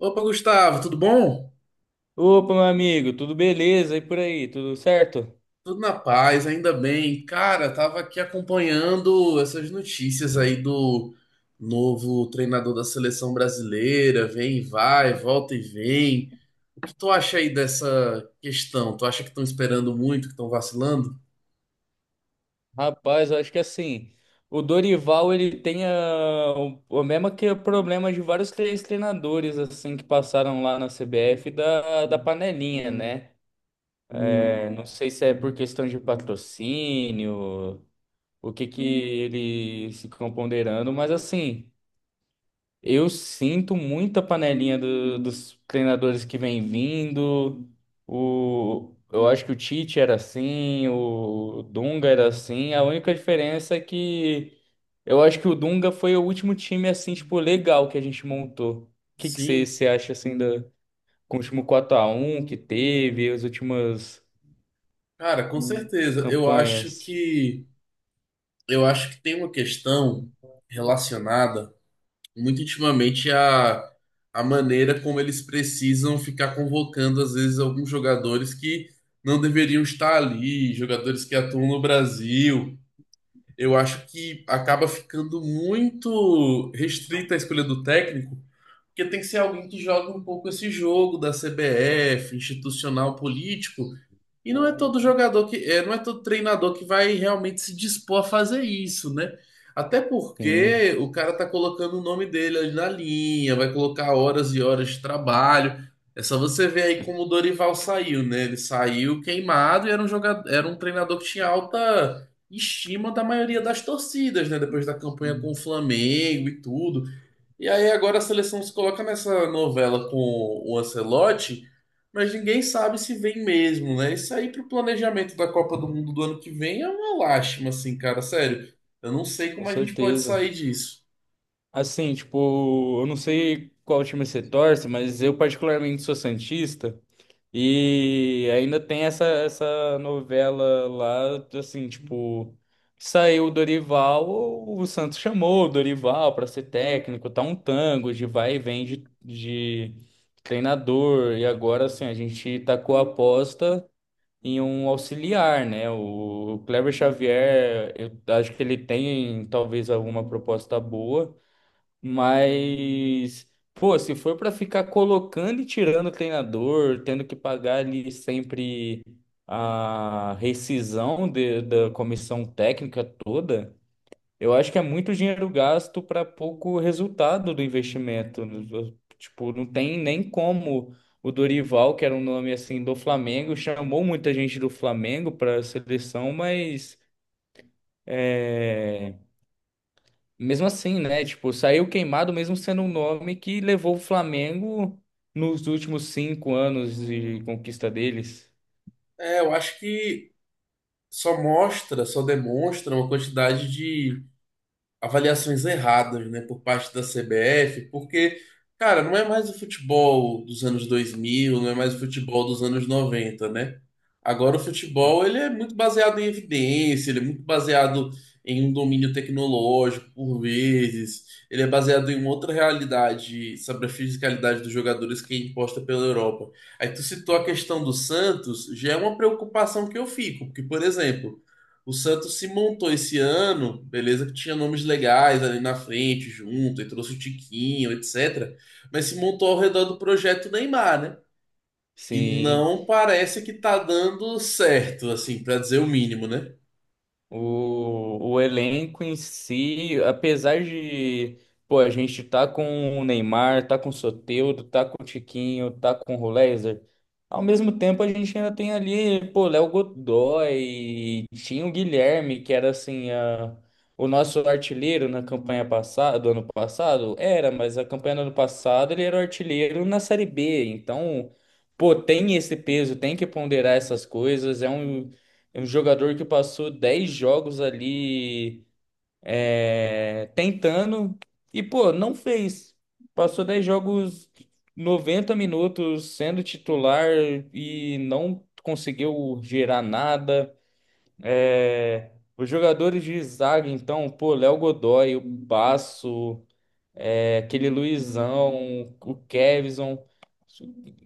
Opa, Gustavo, tudo bom? Opa, meu amigo, tudo beleza? E por aí, tudo certo? Tudo na paz, ainda bem. Cara, tava aqui acompanhando essas notícias aí do novo treinador da seleção brasileira, vem e vai, volta e vem. O que tu acha aí dessa questão? Tu acha que estão esperando muito, que estão vacilando? Rapaz, eu acho que assim, o Dorival ele tem o mesmo que o problema de vários três treinadores assim que passaram lá na CBF da panelinha, né? Hum, É, não sei se é por questão de patrocínio, o que que ele se componderando, mas assim. Eu sinto muita panelinha do- dos treinadores que vem vindo. O, eu acho que o Tite era assim, o Dunga era assim. A única diferença é que eu acho que o Dunga foi o último time assim, tipo, legal que a gente montou. O que que você sim, você acha assim da, com o último quatro a um que teve, as últimas cara, com certeza. Eu acho campanhas? que eu acho que tem uma questão relacionada muito intimamente a maneira como eles precisam ficar convocando, às vezes, alguns jogadores que não deveriam estar ali, jogadores que atuam no Brasil. Eu acho que acaba ficando muito restrita a escolha do técnico, porque tem que ser alguém que joga um pouco esse jogo da CBF, institucional, político, e não é todo jogador que, não é todo treinador que vai realmente se dispor a fazer isso, né? Até Sim, porque o cara tá colocando o nome dele ali na linha, vai colocar horas e horas de trabalho. É só você ver aí como o Dorival saiu, né? Ele saiu queimado e era um jogador, era um treinador que tinha alta estima da maioria das torcidas, né? Depois da campanha com o Flamengo e tudo. E aí agora a seleção se coloca nessa novela com o Ancelotti, mas ninguém sabe se vem mesmo, né? Isso aí pro planejamento da Copa do Mundo do ano que vem é uma lástima, assim, cara, sério. Eu não sei com como a gente pode certeza. sair disso. Assim, tipo, eu não sei qual time você torce, mas eu particularmente sou santista. E ainda tem essa novela lá, assim, tipo, saiu o Dorival, o Santos chamou o Dorival para ser técnico, tá um tango de vai e vem de treinador. E agora, assim, a gente tacou a aposta em um auxiliar, né? O Cleber Xavier, eu acho que ele tem talvez alguma proposta boa. Mas, pô, se for pra ficar colocando e tirando o treinador, tendo que pagar ali sempre a rescisão de- da comissão técnica toda, eu acho que é muito dinheiro gasto para pouco resultado do investimento. Tipo, não tem nem como o Dorival, que era um nome assim do Flamengo, chamou muita gente do Flamengo para a seleção, mas é, mesmo assim, né? Tipo, saiu queimado mesmo sendo um nome que levou o Flamengo nos últimos cinco anos de conquista deles. É, eu acho que só mostra, só demonstra uma quantidade de avaliações erradas, né, por parte da CBF, porque, cara, não é mais o futebol dos anos 2000, não é mais o futebol dos anos 90, né? Agora o futebol, ele é muito baseado em evidência, ele é muito baseado em um domínio tecnológico, por vezes, ele é baseado em outra realidade sobre a fisicalidade dos jogadores que é imposta pela Europa. Aí tu citou a questão do Santos, já é uma preocupação que eu fico, porque, por exemplo, o Santos se montou esse ano, beleza, que tinha nomes legais ali na frente, junto, e trouxe o Tiquinho, etc. Mas se montou ao redor do projeto Neymar, né? E Sim. não parece que tá dando certo, assim, pra dizer o mínimo, né? O elenco em si, apesar de, pô, a gente tá com o Neymar, tá com o Soteldo, tá com o Tiquinho, tá com o Rolézer, ao mesmo tempo a gente ainda tem ali, pô, Léo Godoy, tinha o Guilherme, que era assim, a, o nosso artilheiro na campanha passada, do ano passado, era, mas a campanha do ano passado ele era o artilheiro na Série B, então, pô, tem esse peso, tem que ponderar essas coisas, é um jogador que passou 10 jogos ali é, tentando e, pô, não fez. Passou 10 jogos, 90 minutos sendo titular e não conseguiu gerar nada. É, os jogadores de zaga, então, pô, Léo Godoy, o Basso, é, aquele Luizão, o Kevson,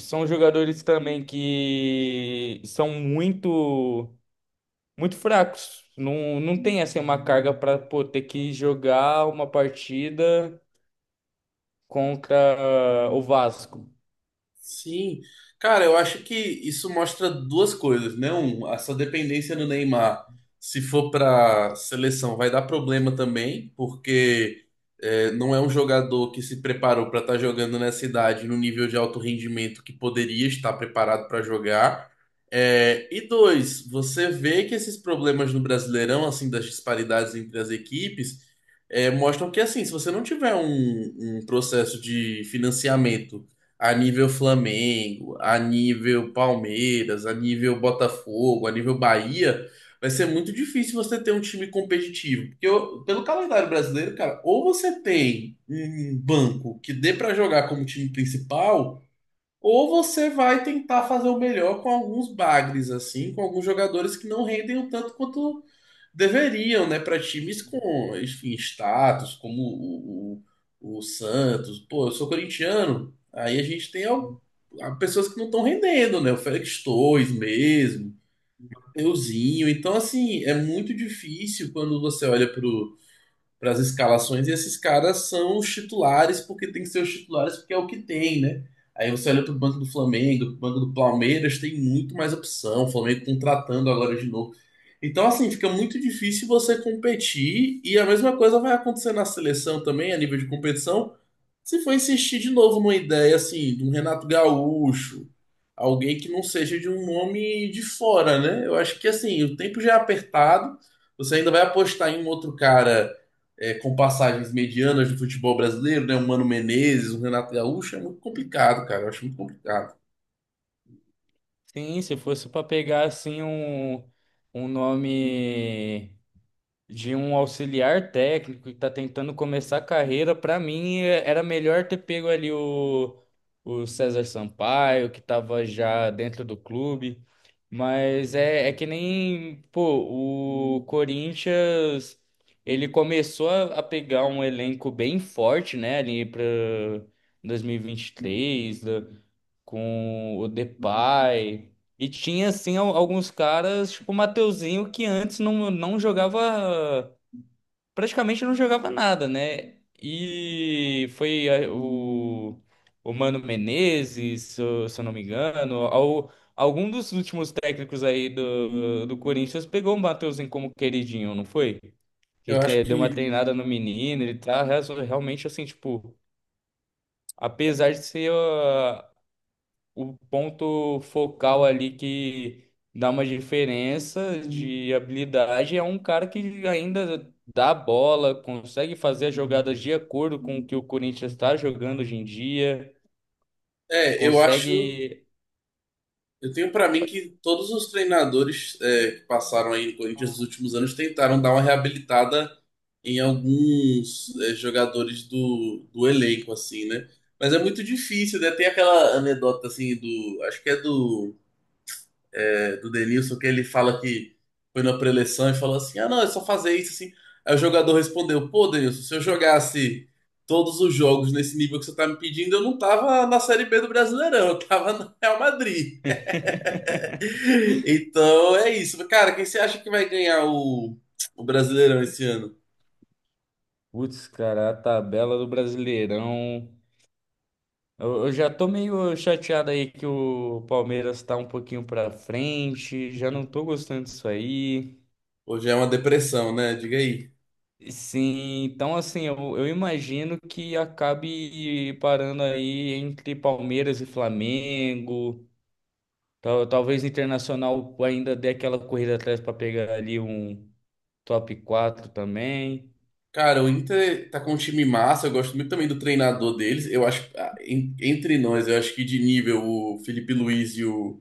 são jogadores também que são muito. Muito fracos. Não tem assim uma carga para pô, ter que jogar uma partida contra ah, o Vasco. Sim, cara, eu acho que isso mostra duas coisas, né? Um, essa dependência do Neymar, se for para seleção, vai dar problema também, porque não é um jogador que se preparou para estar jogando nessa idade no nível de alto rendimento que poderia estar preparado para jogar. É, e dois, você vê que esses problemas no Brasileirão, assim, das disparidades entre as equipes, mostram que, assim, se você não tiver um processo de financiamento a nível Flamengo, a nível Palmeiras, a nível Botafogo, a nível Bahia, vai ser muito difícil você ter um time competitivo. Porque pelo calendário brasileiro, cara, ou você tem um banco que dê pra jogar como time principal, ou você vai tentar fazer o melhor com alguns bagres, assim, com alguns jogadores que não rendem o tanto quanto deveriam, né, para times com, enfim, status, como o Santos. Pô, eu sou corintiano. Aí a gente tem pessoas que não estão rendendo, né? O Félix Torres mesmo, euzinho. Então, assim, é muito difícil quando você olha para as escalações e esses caras são os titulares porque tem que ser os titulares porque é o que tem, né? Aí você olha para o banco do Flamengo, pro banco do Palmeiras, tem muito mais opção. O Flamengo contratando agora de novo, então, assim, fica muito difícil você competir, e a mesma coisa vai acontecer na seleção também, a nível de competição, se for insistir de novo numa ideia, assim, de um Renato Gaúcho, alguém que não seja de um nome de fora, né? Eu acho que, assim, o tempo já é apertado, você ainda vai apostar em um outro cara com passagens medianas do futebol brasileiro, né? Um Mano Menezes, um Renato Gaúcho, é muito complicado, cara, eu acho muito complicado. Sim, se fosse para pegar assim um, um nome de um auxiliar técnico que está tentando começar a carreira, para mim é- era melhor ter pego ali o César Sampaio, que estava já dentro do clube. Mas é, é que nem, pô, o Corinthians, ele começou a pegar um elenco bem forte, né, ali para 2023, da- com o Depay. E tinha, assim, al- alguns caras, tipo o Mateuzinho, que antes não jogava praticamente não jogava nada, né? E foi eh, o Mano Menezes, se eu não me engano, ao, algum dos últimos técnicos aí do, do Corinthians pegou o Matheusinho como queridinho, não foi? Que Eu acho te- deu uma que treinada no menino, ele tá real- realmente assim, tipo, apesar de ser. Ah, o ponto focal ali que dá uma diferença de habilidade é um cara que ainda dá a bola, consegue fazer as jogadas de acordo com o que o Corinthians está jogando hoje em dia, é, eu acho consegue. Eu tenho pra mim que todos os treinadores que passaram aí no Corinthians nos últimos anos tentaram dar uma reabilitada em alguns jogadores do elenco, assim, né? Mas é muito difícil, né? Tem aquela anedota, assim, do... Acho que é do Denilson, que ele fala que foi na preleção e falou assim, ah, não, é só fazer isso, assim. Aí o jogador respondeu, pô, Denilson, se eu jogasse todos os jogos nesse nível que você tá me pedindo, eu não tava na Série B do Brasileirão, eu tava no Real Madrid. Então é isso. Cara, quem você acha que vai ganhar o Brasileirão esse ano? Putz, cara, a tabela do Brasileirão. Eu já tô meio chateado aí que o Palmeiras tá um pouquinho pra frente, já não tô gostando disso aí. Hoje é uma depressão, né? Diga aí. Sim, então assim, eu imagino que acabe parando aí entre Palmeiras e Flamengo. Tal, talvez Internacional ainda dê aquela corrida atrás para pegar ali um top 4 também. Cara, o Inter tá com um time massa, eu gosto muito também do treinador deles. Eu acho, ah, entre nós, eu acho que de nível o Felipe Luiz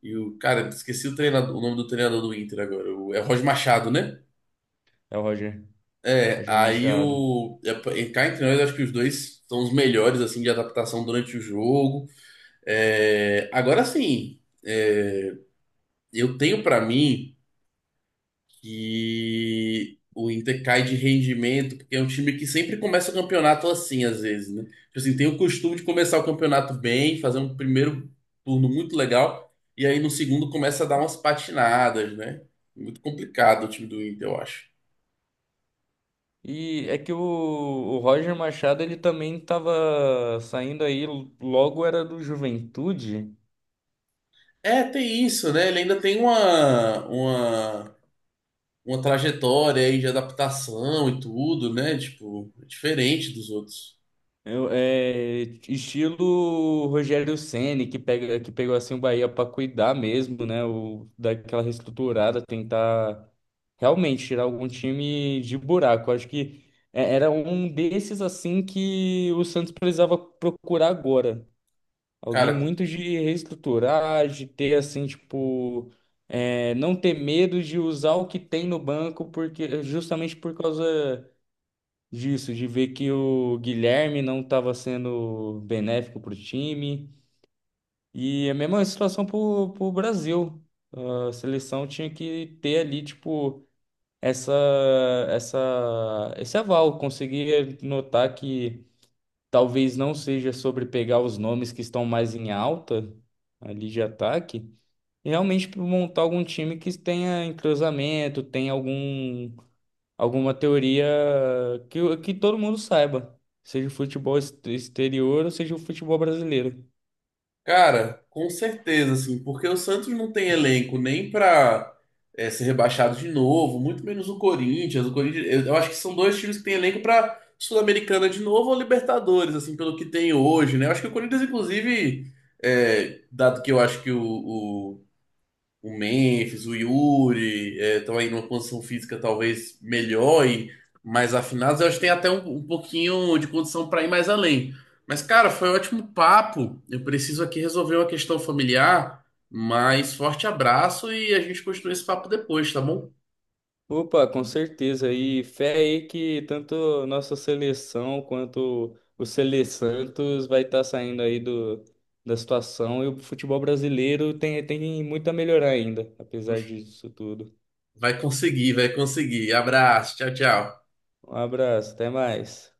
E o cara, esqueci o treinador, o nome do treinador do Inter agora. É o Roger Machado, né? É o Roger, É, Roger Machado. Cá entre nós, eu acho que os dois são os melhores, assim, de adaptação durante o jogo. É, agora sim. Eu tenho pra mim que o Inter cai de rendimento, porque é um time que sempre começa o campeonato assim, às vezes, né? Tipo assim, tem o costume de começar o campeonato bem, fazer um primeiro turno muito legal, e aí no segundo começa a dar umas patinadas, né? Muito complicado o time do Inter, eu acho. E é que o Roger Machado ele também estava saindo aí, logo era do Juventude. É, tem isso, né? Ele ainda tem uma trajetória aí de adaptação e tudo, né? Tipo, é diferente dos outros. Eu- é, estilo Rogério Ceni que pega, que pegou assim o Bahia para cuidar mesmo, né? O, daquela reestruturada, tentar realmente tirar algum time de buraco. Acho que é- era um desses assim que o Santos precisava procurar agora. Alguém Cara, muito de reestruturar, de ter assim, tipo, é, não ter medo de usar o que tem no banco, porque justamente por causa disso, de ver que o Guilherme não estava sendo benéfico para o time. E a mesma situação para o Brasil. A seleção tinha que ter ali, tipo, essa, esse aval. Conseguir notar que talvez não seja sobre pegar os nomes que estão mais em alta ali de ataque. E realmente montar algum time que tenha entrosamento, tenha algum alguma teoria que todo mundo saiba, seja o futebol ex- exterior ou seja o futebol brasileiro. Cara, com certeza, assim, porque o Santos não tem elenco nem pra ser rebaixado de novo, muito menos o Corinthians. O Corinthians, eu acho que são dois times que têm elenco pra Sul-Americana de novo ou Libertadores, assim, pelo que tem hoje, né? Eu acho que o Corinthians, inclusive, dado que eu acho que o Memphis, o Yuri, estão aí numa condição física talvez melhor e mais afinados. Eu acho que tem até um pouquinho de condição para ir mais além. Mas, cara, foi um ótimo papo. Eu preciso aqui resolver uma questão familiar. Mas forte abraço e a gente continua esse papo depois, tá bom? Opa, com certeza. E fé aí que tanto nossa seleção quanto o Sele Santos vai estar saindo aí do, da situação e o futebol brasileiro tem, tem muito a melhorar ainda, apesar disso tudo. Vai conseguir, vai conseguir. Abraço, tchau, tchau. Um abraço, até mais.